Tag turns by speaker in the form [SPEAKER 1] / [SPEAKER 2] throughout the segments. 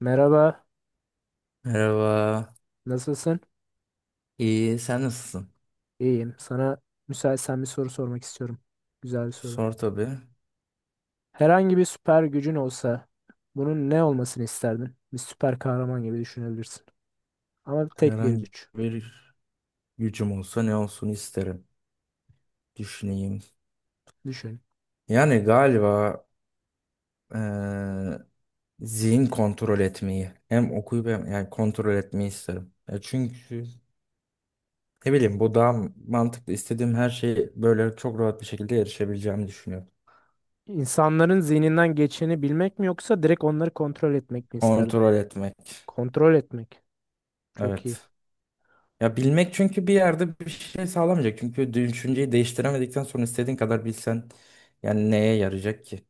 [SPEAKER 1] Merhaba,
[SPEAKER 2] Merhaba.
[SPEAKER 1] nasılsın?
[SPEAKER 2] İyi, sen nasılsın?
[SPEAKER 1] İyiyim. Sana müsaitsen bir soru sormak istiyorum. Güzel bir soru.
[SPEAKER 2] Sor tabii.
[SPEAKER 1] Herhangi bir süper gücün olsa bunun ne olmasını isterdin? Bir süper kahraman gibi düşünebilirsin. Ama tek bir
[SPEAKER 2] Herhangi
[SPEAKER 1] güç.
[SPEAKER 2] bir gücüm olsa ne olsun isterim. Düşüneyim.
[SPEAKER 1] Düşün.
[SPEAKER 2] Yani galiba eee, zihin kontrol etmeyi hem okuyup hem yani kontrol etmeyi isterim. Ya çünkü ne bileyim bu daha mantıklı. İstediğim her şeyi böyle çok rahat bir şekilde erişebileceğimi düşünüyorum.
[SPEAKER 1] İnsanların zihninden geçeni bilmek mi yoksa direkt onları kontrol etmek mi isterdin?
[SPEAKER 2] Kontrol etmek.
[SPEAKER 1] Kontrol etmek. Çok iyi.
[SPEAKER 2] Evet. Ya bilmek çünkü bir yerde bir şey sağlamayacak. Çünkü düşünceyi değiştiremedikten sonra istediğin kadar bilsen yani neye yarayacak ki?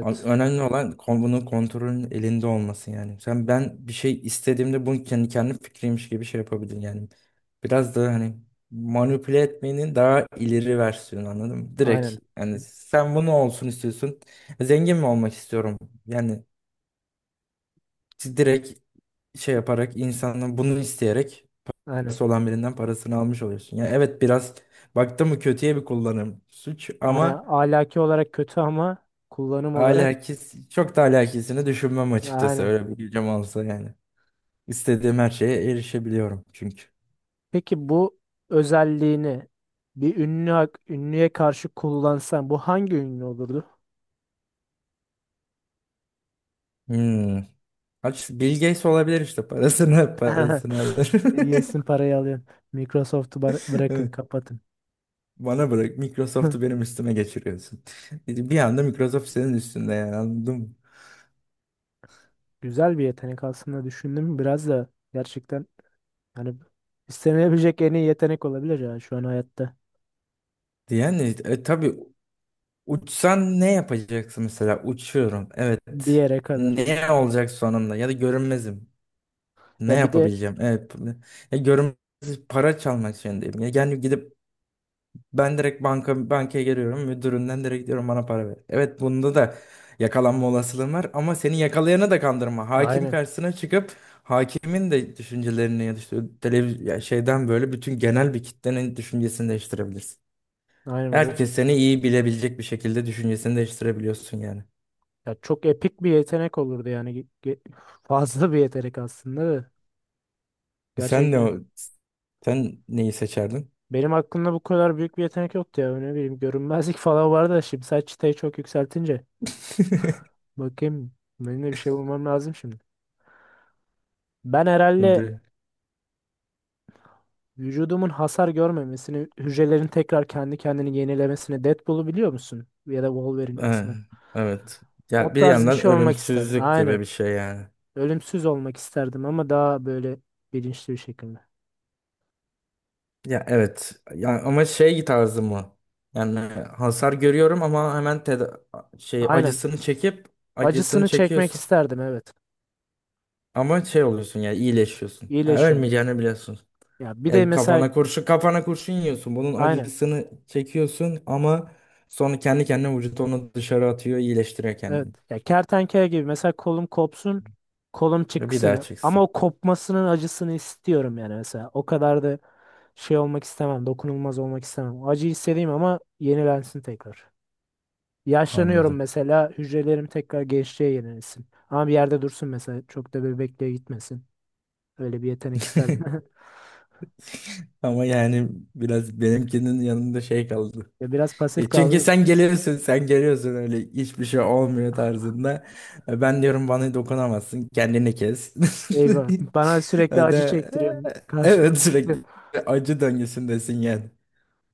[SPEAKER 2] Önemli olan bunun kontrolün elinde olması yani. Sen ben bir şey istediğimde bunu kendi fikriymiş gibi şey yapabilirim yani. Biraz da hani manipüle etmenin daha ileri versiyonu anladın mı? Direkt
[SPEAKER 1] Aynen.
[SPEAKER 2] yani sen bunu olsun istiyorsun. Zengin mi olmak istiyorum? Yani direkt şey yaparak insanın bunu isteyerek
[SPEAKER 1] Aynen.
[SPEAKER 2] parası olan birinden parasını almış oluyorsun. Ya evet biraz baktım mı kötüye bir kullanım suç ama
[SPEAKER 1] Aynen. Ahlaki olarak kötü ama kullanım olarak
[SPEAKER 2] alakis çok da alakisini düşünmem açıkçası
[SPEAKER 1] aynen.
[SPEAKER 2] öyle bir gücüm olsa yani. İstediğim her şeye erişebiliyorum çünkü.
[SPEAKER 1] Peki bu özelliğini bir ünlü ünlüye karşı kullansan bu hangi ünlü olurdu?
[SPEAKER 2] Hmm. Aç Bill Gates olabilir işte parasını parasını alır.
[SPEAKER 1] Yesin parayı alıyorum. Microsoft'u bırakın
[SPEAKER 2] Evet.
[SPEAKER 1] kapatın.
[SPEAKER 2] Bana bırak Microsoft'u benim üstüme geçiriyorsun. Bir anda Microsoft senin üstünde yani anladın mı?
[SPEAKER 1] Güzel bir yetenek aslında düşündüm biraz da gerçekten yani istenebilecek en iyi yetenek olabilir ya şu an hayatta
[SPEAKER 2] Yani tabii. Uçsan ne yapacaksın mesela? Uçuyorum.
[SPEAKER 1] bir
[SPEAKER 2] Evet.
[SPEAKER 1] yere kadar.
[SPEAKER 2] Ne olacak sonunda? Ya da görünmezim. Ne
[SPEAKER 1] Ya bir de
[SPEAKER 2] yapabileceğim? Evet. Ya görünmez para çalmak zorundayım. Ya yani gidip ben direkt bankaya geliyorum. Müdüründen direkt diyorum bana para ver. Evet bunda da yakalanma olasılığın var ama seni yakalayanı da kandırma. Hakim
[SPEAKER 1] aynen,
[SPEAKER 2] karşısına çıkıp hakimin de düşüncelerini ya da işte ya şeyden böyle bütün genel bir kitlenin düşüncesini değiştirebilirsin.
[SPEAKER 1] aynen o,
[SPEAKER 2] Herkes seni iyi bilebilecek bir şekilde düşüncesini değiştirebiliyorsun yani.
[SPEAKER 1] ya çok epik bir yetenek olurdu yani fazla bir yetenek aslında da
[SPEAKER 2] Sen ne
[SPEAKER 1] gerçekten.
[SPEAKER 2] o- sen neyi seçerdin?
[SPEAKER 1] Benim aklımda bu kadar büyük bir yetenek yoktu ya. Ne bileyim görünmezlik falan vardı da şimdi sen çıtayı çok yükseltince. Bakayım, benim de bir şey bulmam lazım şimdi. Ben herhalde
[SPEAKER 2] De-
[SPEAKER 1] vücudumun hasar görmemesini, hücrelerin tekrar kendi kendini yenilemesini. Deadpool'u biliyor musun? Ya da Wolverine,
[SPEAKER 2] Ha,
[SPEAKER 1] X-Men.
[SPEAKER 2] evet.
[SPEAKER 1] O
[SPEAKER 2] Ya bir
[SPEAKER 1] tarz bir
[SPEAKER 2] yandan
[SPEAKER 1] şey olmak isterdim.
[SPEAKER 2] ölümsüzlük
[SPEAKER 1] Aynen.
[SPEAKER 2] gibi bir şey yani.
[SPEAKER 1] Ölümsüz olmak isterdim ama daha böyle bilinçli bir şekilde.
[SPEAKER 2] Ya evet. Ya ama şey tarzı mı? Yani hasar görüyorum ama hemen şey
[SPEAKER 1] Aynen.
[SPEAKER 2] acısını çekip acısını
[SPEAKER 1] Acısını çekmek
[SPEAKER 2] çekiyorsun.
[SPEAKER 1] isterdim, evet.
[SPEAKER 2] Ama şey oluyorsun yani iyileşiyorsun. Ya
[SPEAKER 1] İyileşiyorum.
[SPEAKER 2] ölmeyeceğini biliyorsun.
[SPEAKER 1] Ya bir de
[SPEAKER 2] Yani
[SPEAKER 1] mesela
[SPEAKER 2] kafana kurşun yiyorsun. Bunun
[SPEAKER 1] aynen.
[SPEAKER 2] acısını çekiyorsun ama sonra kendi kendine vücut onu dışarı atıyor iyileştiriyor
[SPEAKER 1] Evet.
[SPEAKER 2] kendini.
[SPEAKER 1] Ya kertenkele gibi mesela kolum kopsun, kolum
[SPEAKER 2] Bir daha
[SPEAKER 1] çıksın ama
[SPEAKER 2] çıksın.
[SPEAKER 1] o kopmasının acısını istiyorum yani mesela. O kadar da şey olmak istemem, dokunulmaz olmak istemem. Acı hissedeyim ama yenilensin tekrar. Yaşlanıyorum
[SPEAKER 2] Anladım.
[SPEAKER 1] mesela, hücrelerim tekrar gençliğe yenilensin. Ama bir yerde dursun mesela, çok da bebekliğe gitmesin. Öyle bir yetenek isterdim.
[SPEAKER 2] Ama yani biraz benimkinin yanında şey kaldı.
[SPEAKER 1] Ya biraz pasif
[SPEAKER 2] E çünkü
[SPEAKER 1] kaldım.
[SPEAKER 2] sen geliyorsun öyle hiçbir şey olmuyor tarzında. E ben diyorum bana dokunamazsın, kendini kes.
[SPEAKER 1] Eyvah. Bana
[SPEAKER 2] O
[SPEAKER 1] sürekli
[SPEAKER 2] da
[SPEAKER 1] acı çektiriyorsun.
[SPEAKER 2] e,
[SPEAKER 1] Karşında.
[SPEAKER 2] evet sürekli acı döngüsündesin yani.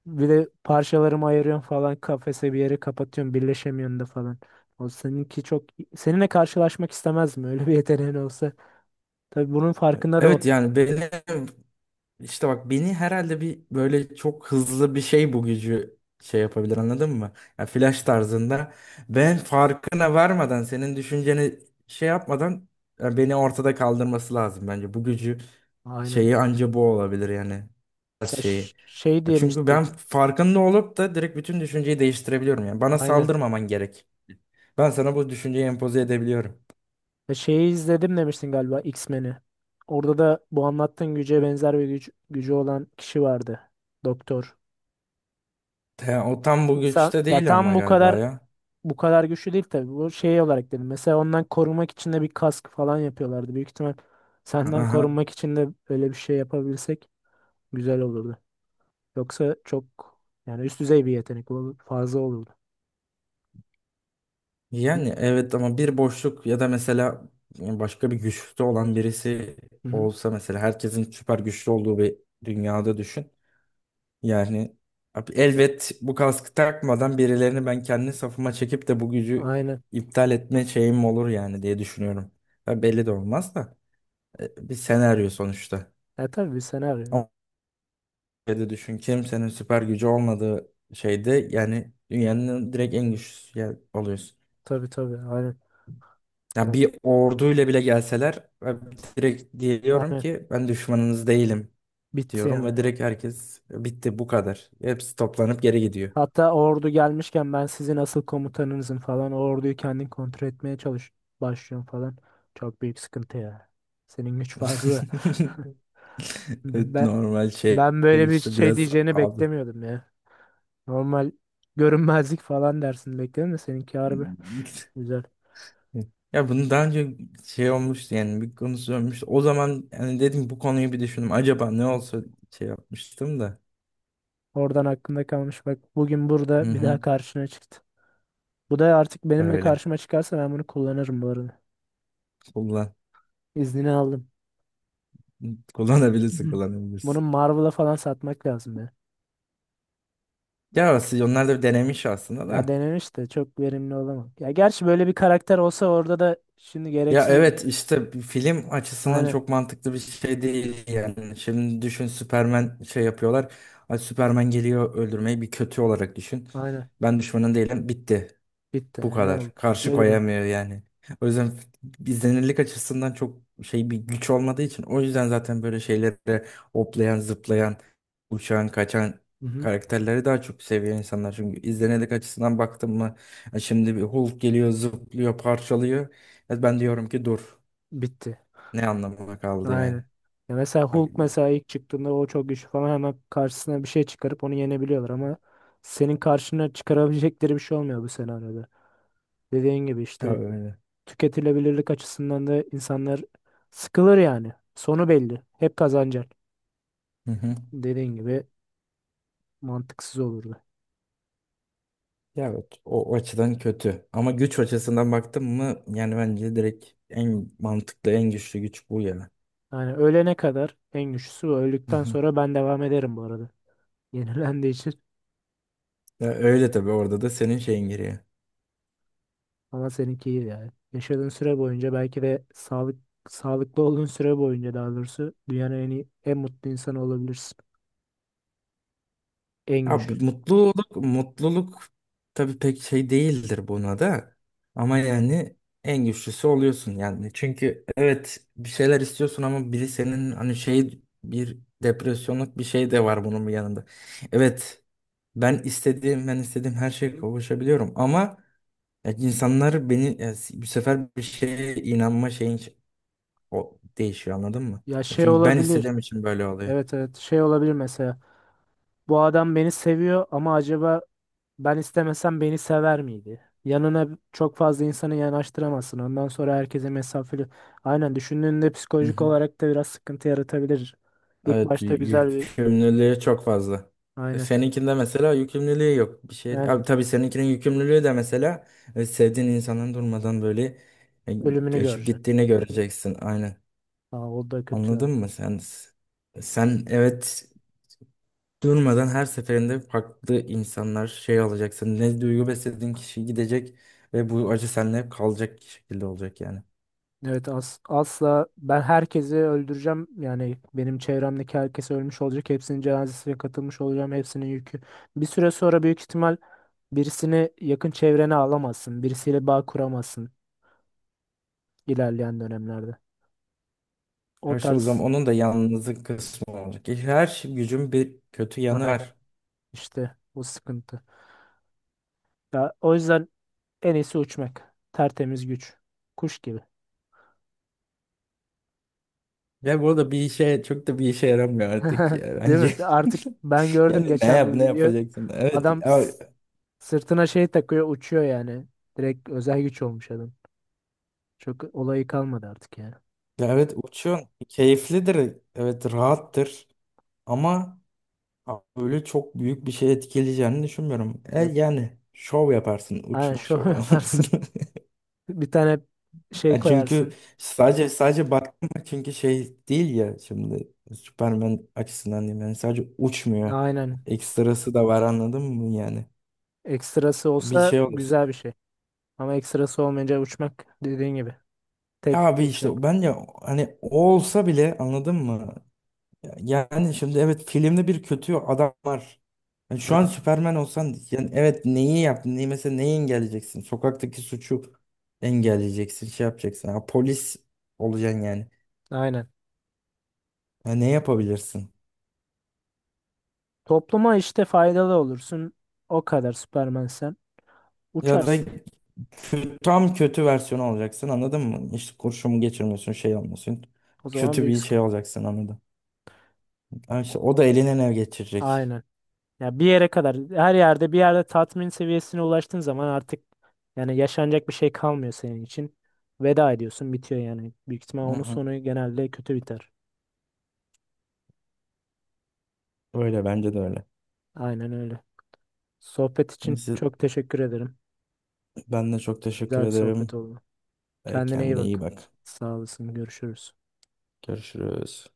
[SPEAKER 1] Bir de parçalarımı ayırıyorum falan, kafese bir yere kapatıyorum, birleşemiyorsun da falan. O seninki çok, seninle karşılaşmak istemezdim öyle bir yeteneğin olsa. Tabii bunun farkında da ol.
[SPEAKER 2] Evet yani benim İşte bak beni herhalde bir böyle çok hızlı bir şey bu gücü şey yapabilir anladın mı? Ya flash tarzında ben farkına varmadan senin düşünceni şey yapmadan ya beni ortada kaldırması lazım bence. Bu gücü
[SPEAKER 1] Aynen.
[SPEAKER 2] şeyi anca bu olabilir yani şeyi.
[SPEAKER 1] Şey
[SPEAKER 2] Ya çünkü
[SPEAKER 1] demiştik.
[SPEAKER 2] ben farkında olup da direkt bütün düşünceyi değiştirebiliyorum yani. Bana
[SPEAKER 1] Aynen.
[SPEAKER 2] saldırmaman gerek. Ben sana bu düşünceyi empoze edebiliyorum.
[SPEAKER 1] Ya şeyi izledim demiştin galiba, X-Men'i. Orada da bu anlattığın güce benzer bir güç, gücü olan kişi vardı. Doktor.
[SPEAKER 2] O tam bu
[SPEAKER 1] İnsan
[SPEAKER 2] güçte
[SPEAKER 1] ya
[SPEAKER 2] değil
[SPEAKER 1] tam
[SPEAKER 2] ama
[SPEAKER 1] bu
[SPEAKER 2] galiba
[SPEAKER 1] kadar,
[SPEAKER 2] ya.
[SPEAKER 1] güçlü değil tabii. Bu şey olarak dedim. Mesela ondan korunmak için de bir kask falan yapıyorlardı. Büyük ihtimal senden
[SPEAKER 2] Aha.
[SPEAKER 1] korunmak için de öyle bir şey yapabilsek güzel olurdu. Yoksa çok, yani üst düzey bir yetenek olur, fazla olurdu.
[SPEAKER 2] Yani evet ama bir boşluk ya da mesela yani başka bir güçte olan birisi
[SPEAKER 1] Hı-hı.
[SPEAKER 2] olsa mesela herkesin süper güçlü olduğu bir dünyada düşün. Yani abi elbet bu kaskı takmadan birilerini ben kendi safıma çekip de bu gücü
[SPEAKER 1] Aynen.
[SPEAKER 2] iptal etme şeyim olur yani diye düşünüyorum. Ya belli de olmaz da bir senaryo sonuçta.
[SPEAKER 1] Ya tabii bir senaryo.
[SPEAKER 2] Ama öyle de düşün kimsenin süper gücü olmadığı şeyde yani dünyanın direkt en güçlüsü oluyorsun.
[SPEAKER 1] Tabii tabii. Aynen.
[SPEAKER 2] Ya
[SPEAKER 1] Ya,
[SPEAKER 2] bir orduyla bile gelseler ben direkt diyorum
[SPEAKER 1] aynen.
[SPEAKER 2] ki ben düşmanınız değilim
[SPEAKER 1] Bitti
[SPEAKER 2] diyorum
[SPEAKER 1] yani.
[SPEAKER 2] ve direkt herkes bitti bu kadar. Hepsi toplanıp geri gidiyor.
[SPEAKER 1] Hatta ordu gelmişken ben sizin asıl komutanınızım falan. O orduyu kendin kontrol etmeye çalış başlıyorum falan. Çok büyük sıkıntı ya. Senin güç fazla.
[SPEAKER 2] Evet,
[SPEAKER 1] Ben
[SPEAKER 2] normal şey
[SPEAKER 1] Ben böyle bir
[SPEAKER 2] işte
[SPEAKER 1] şey
[SPEAKER 2] biraz
[SPEAKER 1] diyeceğini
[SPEAKER 2] abi.
[SPEAKER 1] beklemiyordum ya. Normal görünmezlik falan dersin bekledim de seninki harbi güzel.
[SPEAKER 2] Ya bunu daha önce şey olmuştu yani bir konusu olmuştu. O zaman yani dedim bu konuyu bir düşündüm. Acaba ne
[SPEAKER 1] Hı.
[SPEAKER 2] olsa şey yapmıştım da.
[SPEAKER 1] Oradan aklımda kalmış bak, bugün
[SPEAKER 2] Hı
[SPEAKER 1] burada bir
[SPEAKER 2] hı,
[SPEAKER 1] daha karşına çıktı. Bu da artık benimle
[SPEAKER 2] öyle.
[SPEAKER 1] karşıma çıkarsa ben bunu kullanırım bu arada.
[SPEAKER 2] Kullan.
[SPEAKER 1] İznini aldım.
[SPEAKER 2] Kullanabilirsin
[SPEAKER 1] Hı. Bunu
[SPEAKER 2] kullanabilirsin.
[SPEAKER 1] Marvel'a falan satmak lazım ya.
[SPEAKER 2] Ya aslında onlar da denemiş aslında
[SPEAKER 1] Ya
[SPEAKER 2] da.
[SPEAKER 1] denemiş de çok verimli olamam. Ya gerçi böyle bir karakter olsa orada da şimdi
[SPEAKER 2] Ya
[SPEAKER 1] gereksiz olur.
[SPEAKER 2] evet işte bir film açısından
[SPEAKER 1] Aynen.
[SPEAKER 2] çok mantıklı bir şey değil yani. Şimdi düşün Superman şey yapıyorlar. Ay Superman geliyor öldürmeyi bir kötü olarak düşün.
[SPEAKER 1] Aynen.
[SPEAKER 2] Ben düşmanın değilim bitti.
[SPEAKER 1] Bitti.
[SPEAKER 2] Bu
[SPEAKER 1] Ya ne oldu?
[SPEAKER 2] kadar. Karşı
[SPEAKER 1] Geri dön.
[SPEAKER 2] koyamıyor yani. O yüzden izlenirlik açısından çok şey bir güç olmadığı için o yüzden zaten böyle şeylere hoplayan, zıplayan, uçan, kaçan
[SPEAKER 1] Hı hı.
[SPEAKER 2] karakterleri daha çok seviyor insanlar. Çünkü izlenirlik açısından baktım mı ya şimdi bir Hulk geliyor, zıplıyor, parçalıyor. Ya ben diyorum ki dur.
[SPEAKER 1] Bitti.
[SPEAKER 2] Ne anlamına kaldı yani?
[SPEAKER 1] Aynen. Ya mesela
[SPEAKER 2] Ay,
[SPEAKER 1] Hulk, mesela ilk çıktığında o çok güçlü falan, hemen karşısına bir şey çıkarıp onu yenebiliyorlar ama senin karşına çıkarabilecekleri bir şey olmuyor bu senaryoda. Dediğin gibi
[SPEAKER 2] ya
[SPEAKER 1] işte
[SPEAKER 2] öyle.
[SPEAKER 1] tüketilebilirlik açısından da insanlar sıkılır yani. Sonu belli. Hep kazanacak.
[SPEAKER 2] Hı hı.
[SPEAKER 1] Dediğin gibi mantıksız olurdu.
[SPEAKER 2] Ya evet, o açıdan kötü. Ama güç açısından baktım mı yani bence direkt en mantıklı, en güçlü güç bu ya.
[SPEAKER 1] Yani ölene kadar en güçlüsü bu. Öldükten sonra ben devam ederim bu arada. Yenilendiği için.
[SPEAKER 2] Ya öyle tabii orada da senin şeyin giriyor.
[SPEAKER 1] Ama seninki iyi yani. Yaşadığın süre boyunca belki de sağlıklı olduğun süre boyunca daha doğrusu dünyanın en iyi, en mutlu insanı olabilirsin. En güçlü.
[SPEAKER 2] Abi mutluluk mutluluk tabii pek şey değildir buna da. Ama yani en güçlüsü oluyorsun yani. Çünkü evet bir şeyler istiyorsun ama biri senin hani şey bir depresyonluk bir şey de var bunun bir yanında. Evet ben istediğim her şeye kavuşabiliyorum ama ya insanlar beni ya, bu sefer bir şeye inanma şeyin o değişiyor anladın mı?
[SPEAKER 1] Ya
[SPEAKER 2] Ya
[SPEAKER 1] şey
[SPEAKER 2] çünkü ben
[SPEAKER 1] olabilir.
[SPEAKER 2] istediğim için böyle oluyor.
[SPEAKER 1] Evet evet, şey olabilir mesela. Bu adam beni seviyor ama acaba ben istemesem beni sever miydi? Yanına çok fazla insanı yanaştıramazsın. Ondan sonra herkese mesafeli. Aynen, düşündüğünde
[SPEAKER 2] Hı
[SPEAKER 1] psikolojik
[SPEAKER 2] hı.
[SPEAKER 1] olarak da biraz sıkıntı yaratabilir. İlk
[SPEAKER 2] Evet
[SPEAKER 1] başta güzel bir
[SPEAKER 2] yükümlülüğü çok fazla. E,
[SPEAKER 1] aynen
[SPEAKER 2] seninkinde mesela yükümlülüğü yok. Bir şey.
[SPEAKER 1] yani
[SPEAKER 2] Abi tabii seninkinin yükümlülüğü de mesela sevdiğin insanın durmadan böyle e,
[SPEAKER 1] ölümünü
[SPEAKER 2] göçüp
[SPEAKER 1] göreceksin.
[SPEAKER 2] gittiğini göreceksin. Aynen.
[SPEAKER 1] Aa, o da kötü yani.
[SPEAKER 2] Anladın mı sen? Sen evet durmadan her seferinde farklı insanlar şey alacaksın. Ne duygu beslediğin kişi gidecek ve bu acı seninle hep kalacak şekilde olacak yani.
[SPEAKER 1] Evet, asla ben herkesi öldüreceğim. Yani benim çevremdeki herkes ölmüş olacak. Hepsinin cenazesine katılmış olacağım. Hepsinin yükü. Bir süre sonra büyük ihtimal birisini yakın çevrene alamazsın. Birisiyle bağ kuramazsın ilerleyen dönemlerde. O
[SPEAKER 2] Her şey o zaman
[SPEAKER 1] tarz
[SPEAKER 2] onun da yalnızlık kısmı olacak. E, her şey, gücün bir kötü yanı
[SPEAKER 1] aynen,
[SPEAKER 2] var.
[SPEAKER 1] işte bu sıkıntı. Ya o yüzden en iyisi uçmak. Tertemiz güç. Kuş gibi.
[SPEAKER 2] Ve bu da bir işe çok da bir işe yaramıyor artık ya
[SPEAKER 1] Değil
[SPEAKER 2] bence.
[SPEAKER 1] mi? Artık ben
[SPEAKER 2] Yani
[SPEAKER 1] gördüm geçen bir
[SPEAKER 2] ne
[SPEAKER 1] video.
[SPEAKER 2] yapacaksın? Evet
[SPEAKER 1] Adam
[SPEAKER 2] ya,
[SPEAKER 1] sırtına şey takıyor, uçuyor yani. Direkt özel güç olmuş adam. Çok olayı kalmadı artık ya.
[SPEAKER 2] ya evet uçuyorsun. Keyiflidir. Evet rahattır. Ama Ama öyle çok büyük bir şey etkileyeceğini düşünmüyorum. E,
[SPEAKER 1] Yap,
[SPEAKER 2] yani şov yaparsın
[SPEAKER 1] aynen
[SPEAKER 2] uçma
[SPEAKER 1] şov
[SPEAKER 2] şovu.
[SPEAKER 1] yaparsın. Bir tane şey
[SPEAKER 2] E, çünkü
[SPEAKER 1] koyarsın.
[SPEAKER 2] sadece baktım da, çünkü şey değil ya şimdi Superman açısından diyeyim yani sadece uçmuyor.
[SPEAKER 1] Aynen.
[SPEAKER 2] Ekstrası da var anladın mı yani?
[SPEAKER 1] Ekstrası
[SPEAKER 2] Bir
[SPEAKER 1] olsa
[SPEAKER 2] şey olursa.
[SPEAKER 1] güzel bir şey. Ama ekstrası olmayınca uçmak dediğin gibi.
[SPEAKER 2] Ya
[SPEAKER 1] Tek
[SPEAKER 2] abi
[SPEAKER 1] uçmak.
[SPEAKER 2] işte ben ya hani o olsa bile anladın mı? Yani şimdi evet filmde bir kötü adam var. Yani şu an
[SPEAKER 1] Evet.
[SPEAKER 2] Süperman olsan yani evet neyi yaptın? Neyi engelleyeceksin? Sokaktaki suçu engelleyeceksin, şey yapacaksın. Ha, polis olacaksın yani.
[SPEAKER 1] Aynen.
[SPEAKER 2] Ya ne yapabilirsin?
[SPEAKER 1] Topluma işte faydalı olursun. O kadar Superman sen.
[SPEAKER 2] Ya da
[SPEAKER 1] Uçarsın.
[SPEAKER 2] tam kötü versiyonu olacaksın anladın mı? İşte kurşumu geçirmiyorsun, şey olmuyorsun.
[SPEAKER 1] O zaman
[SPEAKER 2] Kötü
[SPEAKER 1] büyük
[SPEAKER 2] bir şey
[SPEAKER 1] sıkıntı.
[SPEAKER 2] olacaksın anladın. Ha işte o da eline ne geçirecek?
[SPEAKER 1] Aynen. Ya bir yere kadar, her yerde bir yerde tatmin seviyesine ulaştığın zaman artık yani yaşanacak bir şey kalmıyor senin için. Veda ediyorsun, bitiyor yani. Büyük ihtimal
[SPEAKER 2] Hı
[SPEAKER 1] onun
[SPEAKER 2] hı.
[SPEAKER 1] sonu genelde kötü biter.
[SPEAKER 2] Öyle bence de öyle.
[SPEAKER 1] Aynen öyle. Sohbet için
[SPEAKER 2] Neyse
[SPEAKER 1] çok teşekkür ederim.
[SPEAKER 2] ben de çok teşekkür
[SPEAKER 1] Güzel bir sohbet
[SPEAKER 2] ederim.
[SPEAKER 1] oldu.
[SPEAKER 2] E,
[SPEAKER 1] Kendine iyi
[SPEAKER 2] kendine iyi
[SPEAKER 1] bak.
[SPEAKER 2] bak.
[SPEAKER 1] Sağ olasın. Görüşürüz.
[SPEAKER 2] Görüşürüz.